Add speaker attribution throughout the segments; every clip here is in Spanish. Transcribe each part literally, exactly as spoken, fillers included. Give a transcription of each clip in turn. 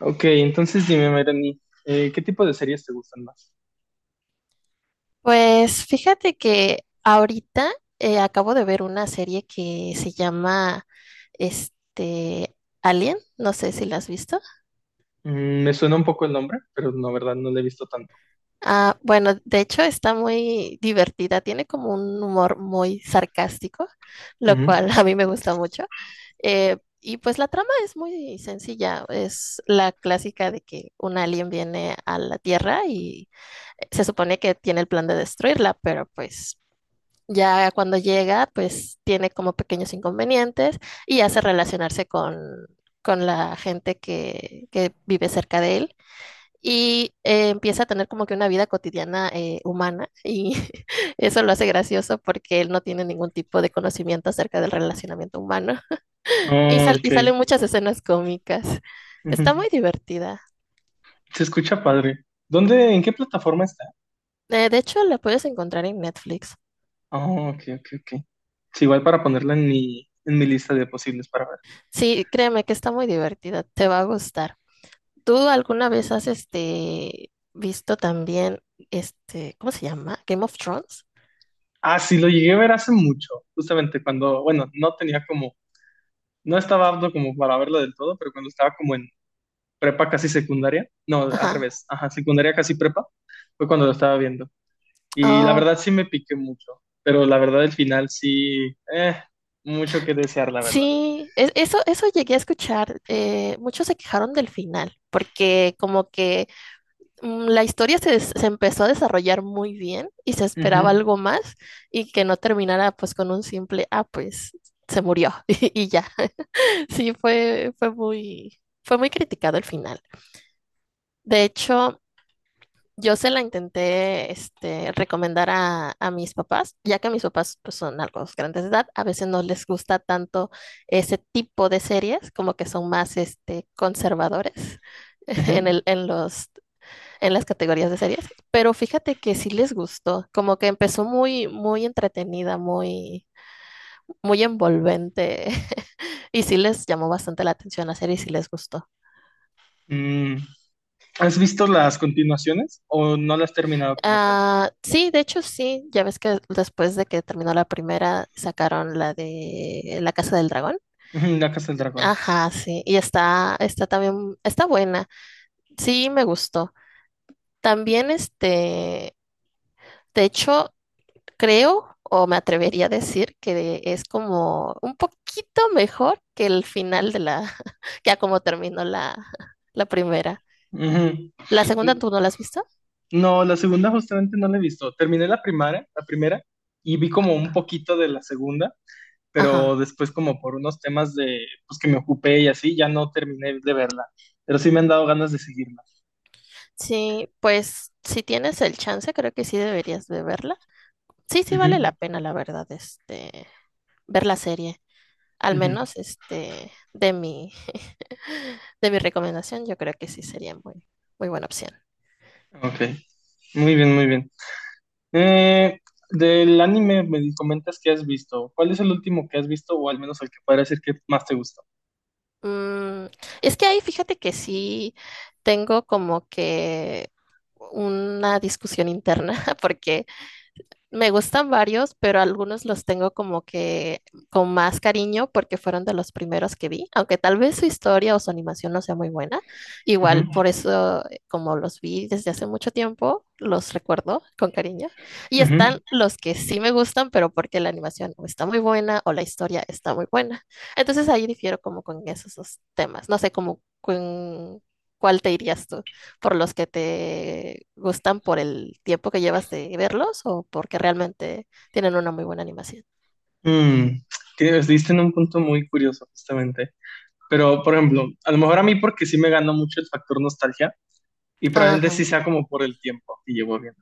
Speaker 1: Ok, entonces dime, Melanie, eh, ¿qué tipo de series te gustan más?
Speaker 2: Pues fíjate que ahorita eh, acabo de ver una serie que se llama este Alien, no sé si la has visto.
Speaker 1: Mm, me suena un poco el nombre, pero no, verdad, no lo he visto tanto.
Speaker 2: Ah, bueno, de hecho está muy divertida, tiene como un humor muy sarcástico, lo
Speaker 1: Ujú.
Speaker 2: cual a mí me gusta mucho. Eh, y pues la trama es muy sencilla, es la clásica de que un alien viene a la Tierra y eh, se supone que tiene el plan de destruirla, pero pues ya cuando llega, pues tiene como pequeños inconvenientes y hace relacionarse con, con la gente que, que vive cerca de él y eh, empieza a tener como que una vida cotidiana eh, humana y eso lo hace gracioso porque él no tiene ningún tipo de conocimiento acerca del relacionamiento humano y,
Speaker 1: Oh,
Speaker 2: sal- y
Speaker 1: ok.
Speaker 2: salen muchas escenas cómicas.
Speaker 1: Ujú.
Speaker 2: Está muy divertida.
Speaker 1: Se escucha padre. ¿Dónde, en qué plataforma está?
Speaker 2: Eh, de hecho, la puedes encontrar en Netflix.
Speaker 1: Oh, ok, ok, ok. Sí, igual para ponerla en mi, en mi lista de posibles para ver.
Speaker 2: Sí, créeme que está muy divertida, te va a gustar. ¿Tú alguna vez has este visto también, este, ¿cómo se llama? Game of Thrones.
Speaker 1: Ah, sí, lo llegué a ver hace mucho, justamente cuando, bueno, no tenía como, no estaba apto como para verlo del todo, pero cuando estaba como en prepa casi secundaria, no, al
Speaker 2: Ajá.
Speaker 1: revés, ajá, secundaria casi prepa, fue cuando lo estaba viendo. Y la
Speaker 2: Oh,
Speaker 1: verdad sí me piqué mucho, pero la verdad el final sí, eh, mucho que desear, la verdad.
Speaker 2: sí, e- eso, eso llegué a escuchar. Eh, muchos se quejaron del final, porque como que mm, la historia se, des- se empezó a desarrollar muy bien y se
Speaker 1: Ujú,
Speaker 2: esperaba algo más y que no terminara pues con un simple, ah, pues se murió y ya. Sí, fue, fue muy, fue muy criticado el final. De hecho, yo se la intenté este, recomendar a, a mis papás, ya que mis papás pues, son algo grandes de edad, a veces no les gusta tanto ese tipo de series, como que son más este, conservadores en
Speaker 1: ujú.
Speaker 2: el, en los, en las categorías de series, pero fíjate que sí les gustó, como que empezó muy, muy entretenida, muy, muy envolvente, y sí les llamó bastante la atención la serie y sí les gustó.
Speaker 1: Mm, ¿Has visto las continuaciones o no las has terminado como tal?
Speaker 2: Ah, sí, de hecho sí, ya ves que después de que terminó la primera sacaron la de La Casa del Dragón.
Speaker 1: Ujú, La Casa del Dragón.
Speaker 2: Ajá, sí, y está, está también, está buena. Sí, me gustó. También este, de hecho, creo o me atrevería a decir que es como un poquito mejor que el final de la, ya como terminó la, la primera.
Speaker 1: Ujú.
Speaker 2: La segunda, ¿tú no la has visto?
Speaker 1: No, la segunda justamente no la he visto. Terminé la primera, la primera y vi como un poquito de la segunda,
Speaker 2: Ajá.
Speaker 1: pero después como por unos temas de pues que me ocupé y así ya no terminé de verla, pero sí me han dado ganas de seguirla.
Speaker 2: Sí, pues si tienes el chance, creo que sí deberías de verla. Sí, sí
Speaker 1: Ujú,
Speaker 2: vale la pena, la verdad, este, ver la serie. Al
Speaker 1: ujú.
Speaker 2: menos, este, de mi, de mi recomendación, yo creo que sí sería muy, muy buena opción.
Speaker 1: Ok, muy bien, muy bien. Eh, Del anime me di- comentas que has visto. ¿Cuál es el último que has visto o al menos el que podría decir que más te gustó?
Speaker 2: Mm, es que ahí fíjate que sí tengo como que una discusión interna, porque me gustan varios, pero algunos los tengo como que con más cariño porque fueron de los primeros que vi, aunque tal vez su historia o su animación no sea muy buena.
Speaker 1: Ujú,
Speaker 2: Igual por eso, eh, como los vi desde hace mucho tiempo, los recuerdo con cariño. Y están
Speaker 1: ujú.
Speaker 2: los que sí me gustan, pero porque la animación o está muy buena o la historia está muy buena. Entonces ahí difiero como con esos dos temas. No sé cómo con cuál te irías tú por los que te gustan por el tiempo que llevas de verlos o porque realmente tienen una muy buena animación.
Speaker 1: Mm, tienes- Diste en un punto muy curioso justamente. Pero, por ejemplo, a lo mejor a mí porque sí me ganó mucho el factor nostalgia y probablemente
Speaker 2: Ajá.
Speaker 1: sí sea como por el tiempo y llevo viendo.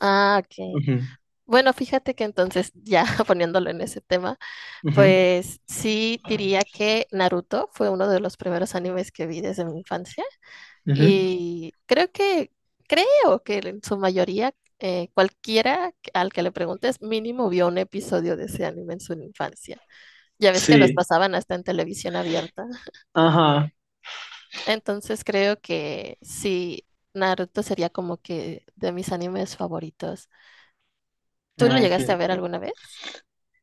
Speaker 2: Ah, ok.
Speaker 1: Ujú,
Speaker 2: Bueno, fíjate que entonces, ya poniéndolo en ese tema,
Speaker 1: ujú,
Speaker 2: pues sí diría que Naruto fue uno de los primeros animes que vi desde mi infancia
Speaker 1: ujú.
Speaker 2: y creo que, creo que en su mayoría, eh, cualquiera al que le preguntes, mínimo vio un episodio de ese anime en su infancia. Ya ves que los
Speaker 1: Sí,
Speaker 2: pasaban hasta en televisión abierta.
Speaker 1: ajá.
Speaker 2: Entonces creo que sí, Naruto sería como que de mis animes favoritos. ¿Tú lo
Speaker 1: Ah, ok,
Speaker 2: llegaste a ver
Speaker 1: ok.
Speaker 2: alguna vez?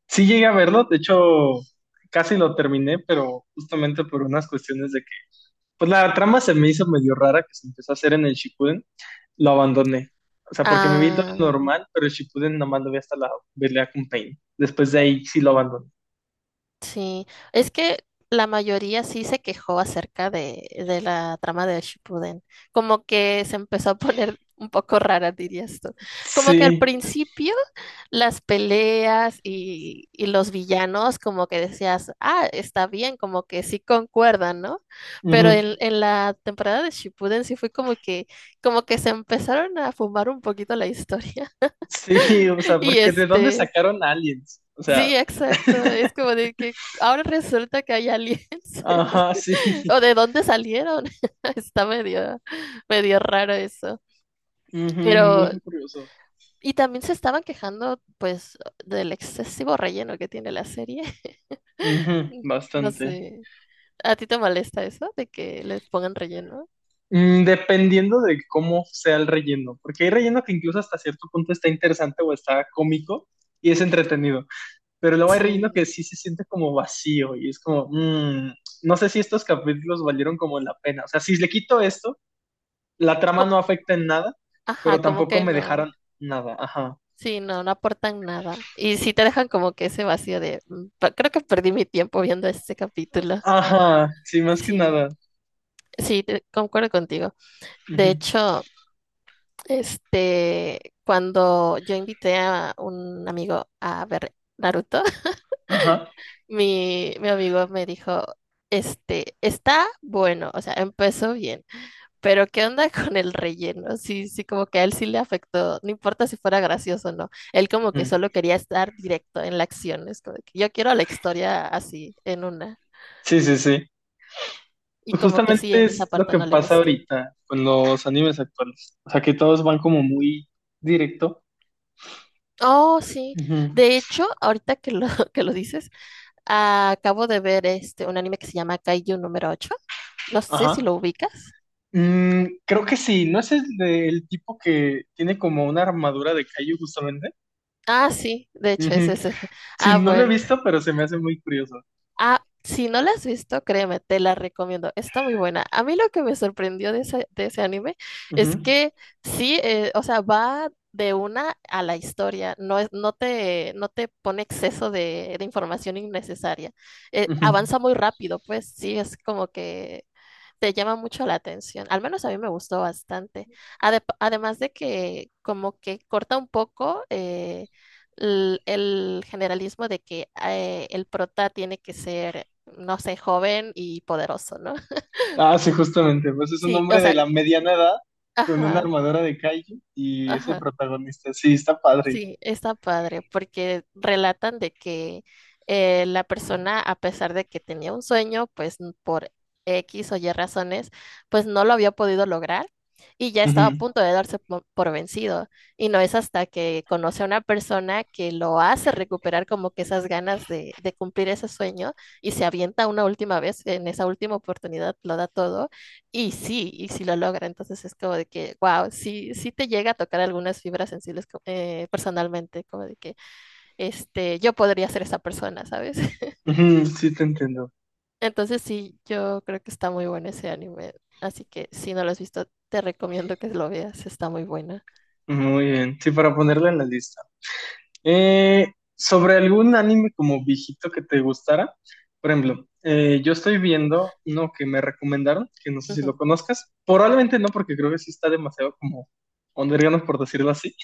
Speaker 1: Sí llegué a verlo, de hecho casi lo terminé, pero justamente por unas cuestiones de pues la trama se me hizo medio rara que se empezó a hacer en el Shippuden, lo abandoné. O sea, porque me vi todo
Speaker 2: Ah,
Speaker 1: normal, pero el Shippuden nomás lo vi hasta la pelea con Pain. Después de ahí sí lo abandoné.
Speaker 2: sí, es que la mayoría sí se quejó acerca de, de la trama de Shippuden. Como que se empezó a poner un poco rara, dirías tú. Como que al
Speaker 1: Sí,
Speaker 2: principio las peleas y, y los villanos, como que decías, ah, está bien, como que sí concuerdan, ¿no? Pero
Speaker 1: ujú.
Speaker 2: en, en la temporada de Shippuden sí fue como que, como que se empezaron a fumar un poquito la historia.
Speaker 1: Sí, o sea,
Speaker 2: Y
Speaker 1: porque ¿de dónde
Speaker 2: este.
Speaker 1: sacaron aliens? O sea,
Speaker 2: Sí, exacto. Es como de que ahora resulta que hay aliens.
Speaker 1: ajá, sí.
Speaker 2: ¿O de dónde salieron? Está medio, medio raro eso.
Speaker 1: Ujú,
Speaker 2: Pero,
Speaker 1: muy curioso.
Speaker 2: y también se estaban quejando, pues, del excesivo relleno que tiene la serie.
Speaker 1: Ujú,
Speaker 2: No
Speaker 1: bastante.
Speaker 2: sé. ¿A ti te molesta eso de que les pongan relleno?
Speaker 1: Mm, dependiendo de cómo sea el relleno, porque hay relleno que incluso hasta cierto punto está interesante o está cómico y es entretenido. Pero luego hay relleno que
Speaker 2: Sí.
Speaker 1: sí se siente como vacío y es como, mmm, no sé si estos capítulos valieron como la pena. O sea, si le quito esto, la trama
Speaker 2: Co-
Speaker 1: no afecta en nada,
Speaker 2: Ajá,
Speaker 1: pero
Speaker 2: como
Speaker 1: tampoco
Speaker 2: que
Speaker 1: me
Speaker 2: no.
Speaker 1: dejaron nada. Ajá.
Speaker 2: Sí, no, no aportan nada. Y sí te dejan como que ese vacío de, "Mm, pa- creo que perdí mi tiempo viendo este capítulo."
Speaker 1: Ajá, sí, más que
Speaker 2: Sí.
Speaker 1: nada.
Speaker 2: Sí, te- concuerdo contigo. De
Speaker 1: Ujú.
Speaker 2: hecho, este, cuando yo invité a un amigo a ver Naruto,
Speaker 1: Ajá.
Speaker 2: mi, mi amigo me dijo, este, está bueno, o sea, empezó bien, pero ¿qué onda con el relleno? Sí, sí, como que a él sí le afectó, no importa si fuera gracioso o no, él como que
Speaker 1: Ujú.
Speaker 2: solo quería estar directo en la acción, es como de que yo quiero la historia así, en una,
Speaker 1: Sí, sí, sí.
Speaker 2: y
Speaker 1: Pues
Speaker 2: como que
Speaker 1: justamente
Speaker 2: sí, en esa
Speaker 1: es lo
Speaker 2: parte
Speaker 1: que
Speaker 2: no le
Speaker 1: pasa
Speaker 2: gustó.
Speaker 1: ahorita con los animes actuales. O sea, que todos van como muy directo.
Speaker 2: Oh, sí.
Speaker 1: Ujú.
Speaker 2: De hecho, ahorita que lo, que lo dices, acabo de ver este un anime que se llama Kaiju número ocho. No sé si
Speaker 1: Ajá.
Speaker 2: lo ubicas.
Speaker 1: Mm, creo que sí, ¿no es el, de- el tipo que tiene como una armadura de Kaiju justamente?
Speaker 2: Ah, sí, de hecho es
Speaker 1: Ujú.
Speaker 2: ese.
Speaker 1: Sí,
Speaker 2: Ah,
Speaker 1: no lo he
Speaker 2: bueno.
Speaker 1: visto, pero se me hace muy curioso.
Speaker 2: Ah, si no la has visto, créeme, te la recomiendo. Está muy buena. A mí lo que me sorprendió de ese, de ese anime es
Speaker 1: Ujú,
Speaker 2: que sí, eh, o sea, va de una a la historia. No es, no te, no te pone exceso de, de información innecesaria. Eh,
Speaker 1: ujú.
Speaker 2: avanza muy rápido, pues sí, es como que te llama mucho la atención. Al menos a mí me gustó bastante. Ade- además de que como que corta un poco eh, l- el, generalismo de que eh, el prota tiene que ser, no sé, joven y poderoso, ¿no?
Speaker 1: Ah, sí, justamente. Pues es un
Speaker 2: Sí,
Speaker 1: hombre
Speaker 2: o
Speaker 1: de
Speaker 2: sea,
Speaker 1: la mediana edad con una
Speaker 2: ajá,
Speaker 1: armadura de kaiju y es el
Speaker 2: ajá.
Speaker 1: protagonista. Sí, está padre.
Speaker 2: Sí, está padre, porque relatan de que eh, la persona, a pesar de que tenía un sueño, pues n- por equis o ye razones, pues no lo había podido lograr y ya
Speaker 1: Ujú,
Speaker 2: estaba a punto de darse po- por vencido. Y no es hasta que conoce a una persona que lo hace recuperar como que esas ganas de, de cumplir ese sueño y se avienta una última vez, en esa última oportunidad lo da todo y sí, y sí, lo logra, entonces es como de que, wow, sí, sí te llega a tocar algunas fibras sensibles co- eh, personalmente, como de que, este, yo podría ser esa persona, ¿sabes?
Speaker 1: ujú, sí, te entiendo.
Speaker 2: Entonces sí, yo creo que está muy bueno ese anime, así que si no lo has visto, te recomiendo que lo veas, está muy buena.
Speaker 1: Muy bien. Sí, para ponerlo en la lista. Eh, Sobre algún anime como viejito que te gustara, por ejemplo, eh, yo estoy viendo uno que me recomendaron, que no sé si lo
Speaker 2: Ujú,
Speaker 1: conozcas. Probablemente no, porque creo que sí está demasiado como underground, por decirlo así.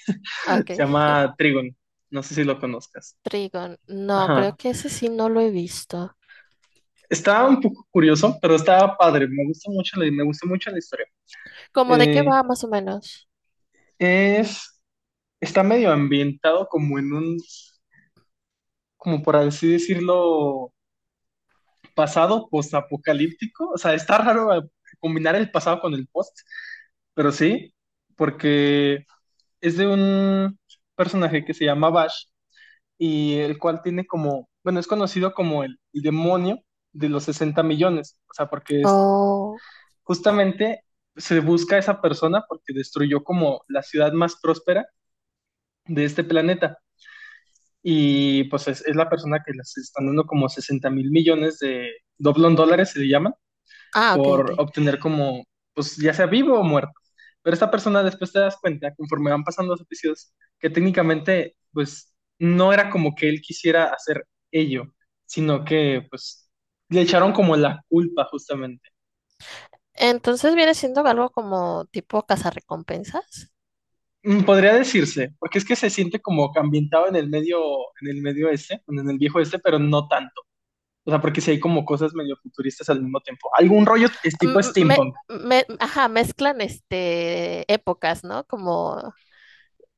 Speaker 2: ok,
Speaker 1: Se llama Trigon. No sé si lo conozcas.
Speaker 2: Trigon, no,
Speaker 1: Ajá.
Speaker 2: creo que ese sí no lo he visto.
Speaker 1: Estaba un poco curioso, pero estaba padre. Me gusta mucho la, me gustó mucho la historia.
Speaker 2: ¿Cómo de qué
Speaker 1: Eh,
Speaker 2: va más o menos?
Speaker 1: es, Está medio ambientado como en un, como por así decirlo, pasado postapocalíptico. O sea, está raro eh, combinar el pasado con el post, pero sí, porque es de un personaje que se llama Bash, y el cual tiene como, bueno, es conocido como el, el demonio de los sesenta millones, o sea, porque es
Speaker 2: Oh,
Speaker 1: justamente se busca a esa persona porque destruyó como la ciudad más próspera de este planeta y pues es, es la persona que les están dando como sesenta mil millones de doblón dólares, se le llaman,
Speaker 2: ah, ok,
Speaker 1: por
Speaker 2: ok.
Speaker 1: obtener como, pues ya sea vivo o muerto. Pero esta persona después te das cuenta, conforme van pasando los episodios, que técnicamente, pues no era como que él quisiera hacer ello, sino que, pues, le echaron como la culpa justamente.
Speaker 2: Entonces viene siendo algo como tipo cazarrecompensas.
Speaker 1: Mm, Podría decirse, porque es que se siente como que ambientado en el medio, en el medio, este, en el viejo este, pero no tanto. O sea, porque sí hay como cosas medio futuristas al mismo tiempo. Algún rollo es tipo
Speaker 2: m- me,
Speaker 1: steampunk,
Speaker 2: me- ajá, mezclan este épocas, ¿no? Como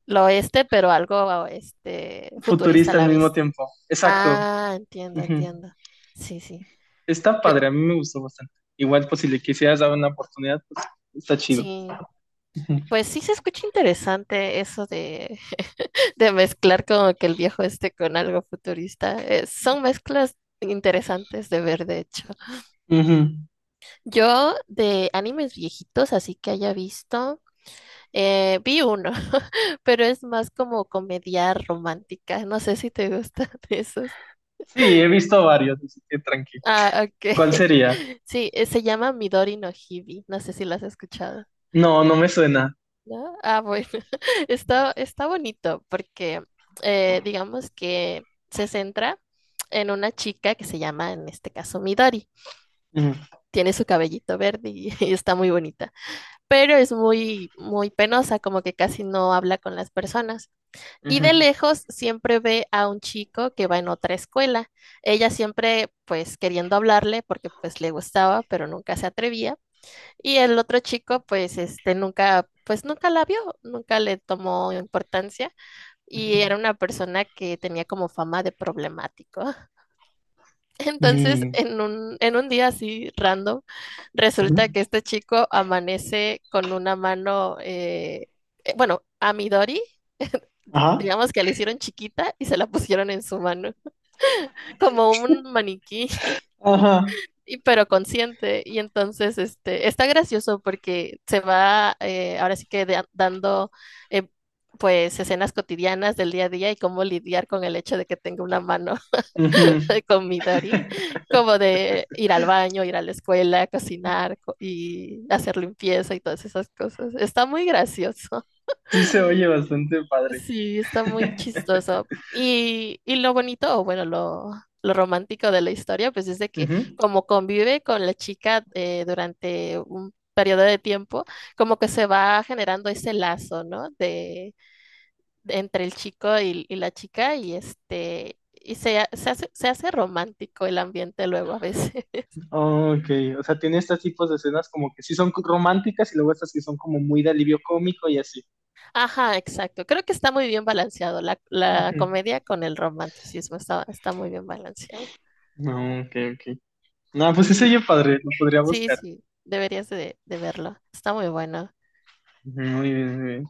Speaker 2: lo oeste, pero algo este futurista a
Speaker 1: futurista al
Speaker 2: la
Speaker 1: mismo
Speaker 2: vez.
Speaker 1: tiempo. Exacto.
Speaker 2: Ah, entiendo,
Speaker 1: Ujú.
Speaker 2: entiendo. Sí, sí.
Speaker 1: Está padre, a mí me gustó bastante. Igual, pues si le quisieras dar una oportunidad, pues está chido.
Speaker 2: Sí.
Speaker 1: Ujú.
Speaker 2: Pues sí se escucha interesante eso de, de mezclar como que el viejo este con algo futurista. Eh, son mezclas interesantes de ver, de hecho.
Speaker 1: Ujú.
Speaker 2: Yo de animes viejitos, así que haya visto. Eh, vi uno, pero es más como comedia romántica. No sé si te gustan esos.
Speaker 1: Sí, he visto varios, así que tranqui.
Speaker 2: Ah, ok.
Speaker 1: ¿Cuál sería?
Speaker 2: Sí, eh, se llama Midori no Hibi. No sé si lo has escuchado,
Speaker 1: No, no me suena.
Speaker 2: ¿no? Ah, bueno. Está, está bonito porque eh, digamos que se centra en una chica que se llama, en este caso, Midori.
Speaker 1: Ujú,
Speaker 2: Tiene su cabellito verde y, y está muy bonita, pero es muy, muy penosa, como que casi no habla con las personas. Y de
Speaker 1: ujú,
Speaker 2: lejos siempre ve a un chico que va en otra escuela. Ella siempre pues queriendo hablarle porque pues le gustaba, pero nunca se atrevía. Y el otro chico pues este nunca pues nunca la vio, nunca le tomó importancia y era
Speaker 1: ujú,
Speaker 2: una persona que tenía como fama de problemático. Entonces,
Speaker 1: Mm,
Speaker 2: en un en un día así random,
Speaker 1: ujú.
Speaker 2: resulta que este chico amanece con una mano eh, eh, bueno, a Midori.
Speaker 1: Ajá.
Speaker 2: Digamos que la hicieron chiquita y se la pusieron en su mano, como un maniquí,
Speaker 1: Ajá.
Speaker 2: y, pero consciente. Y entonces este, está gracioso porque se va eh, ahora sí que da- dando eh, pues escenas cotidianas del día a día y cómo lidiar con el hecho de que tenga una mano
Speaker 1: Ujú.
Speaker 2: con Midori, como de ir al baño, ir a la escuela, cocinar co- y hacer limpieza y todas esas cosas. Está muy gracioso.
Speaker 1: Sí se oye bastante padre.
Speaker 2: Sí, está muy chistoso. Y, y lo bonito, o bueno, lo, lo romántico de la historia, pues es de que
Speaker 1: Ujú.
Speaker 2: como convive con la chica eh, durante un periodo de tiempo, como que se va generando ese lazo, ¿no? De, de entre el chico y, y la chica y este, y se, ha- se hace, se hace romántico el ambiente luego a veces.
Speaker 1: Ok, o sea, tiene estos tipos de escenas como que sí son románticas y luego estas que son como muy de alivio cómico y así.
Speaker 2: Ajá, exacto. Creo que está muy bien balanceado la, la
Speaker 1: Ujú.
Speaker 2: comedia con el romanticismo, está, está muy bien balanceado.
Speaker 1: No, ok, ok. No, pues ese oye padre, lo podría
Speaker 2: Sí,
Speaker 1: buscar.
Speaker 2: sí, deberías de, de verlo. Está muy bueno.
Speaker 1: Ujú, muy bien, muy bien.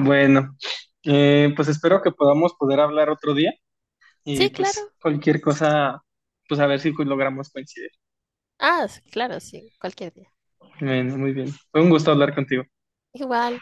Speaker 1: Bueno, eh, pues espero que podamos poder hablar otro día y
Speaker 2: Sí,
Speaker 1: pues
Speaker 2: claro.
Speaker 1: cualquier cosa, pues a ver si logramos coincidir.
Speaker 2: Ah, sí, claro, sí, cualquier día.
Speaker 1: Bueno, muy bien. Fue un gusto hablar contigo.
Speaker 2: Igual,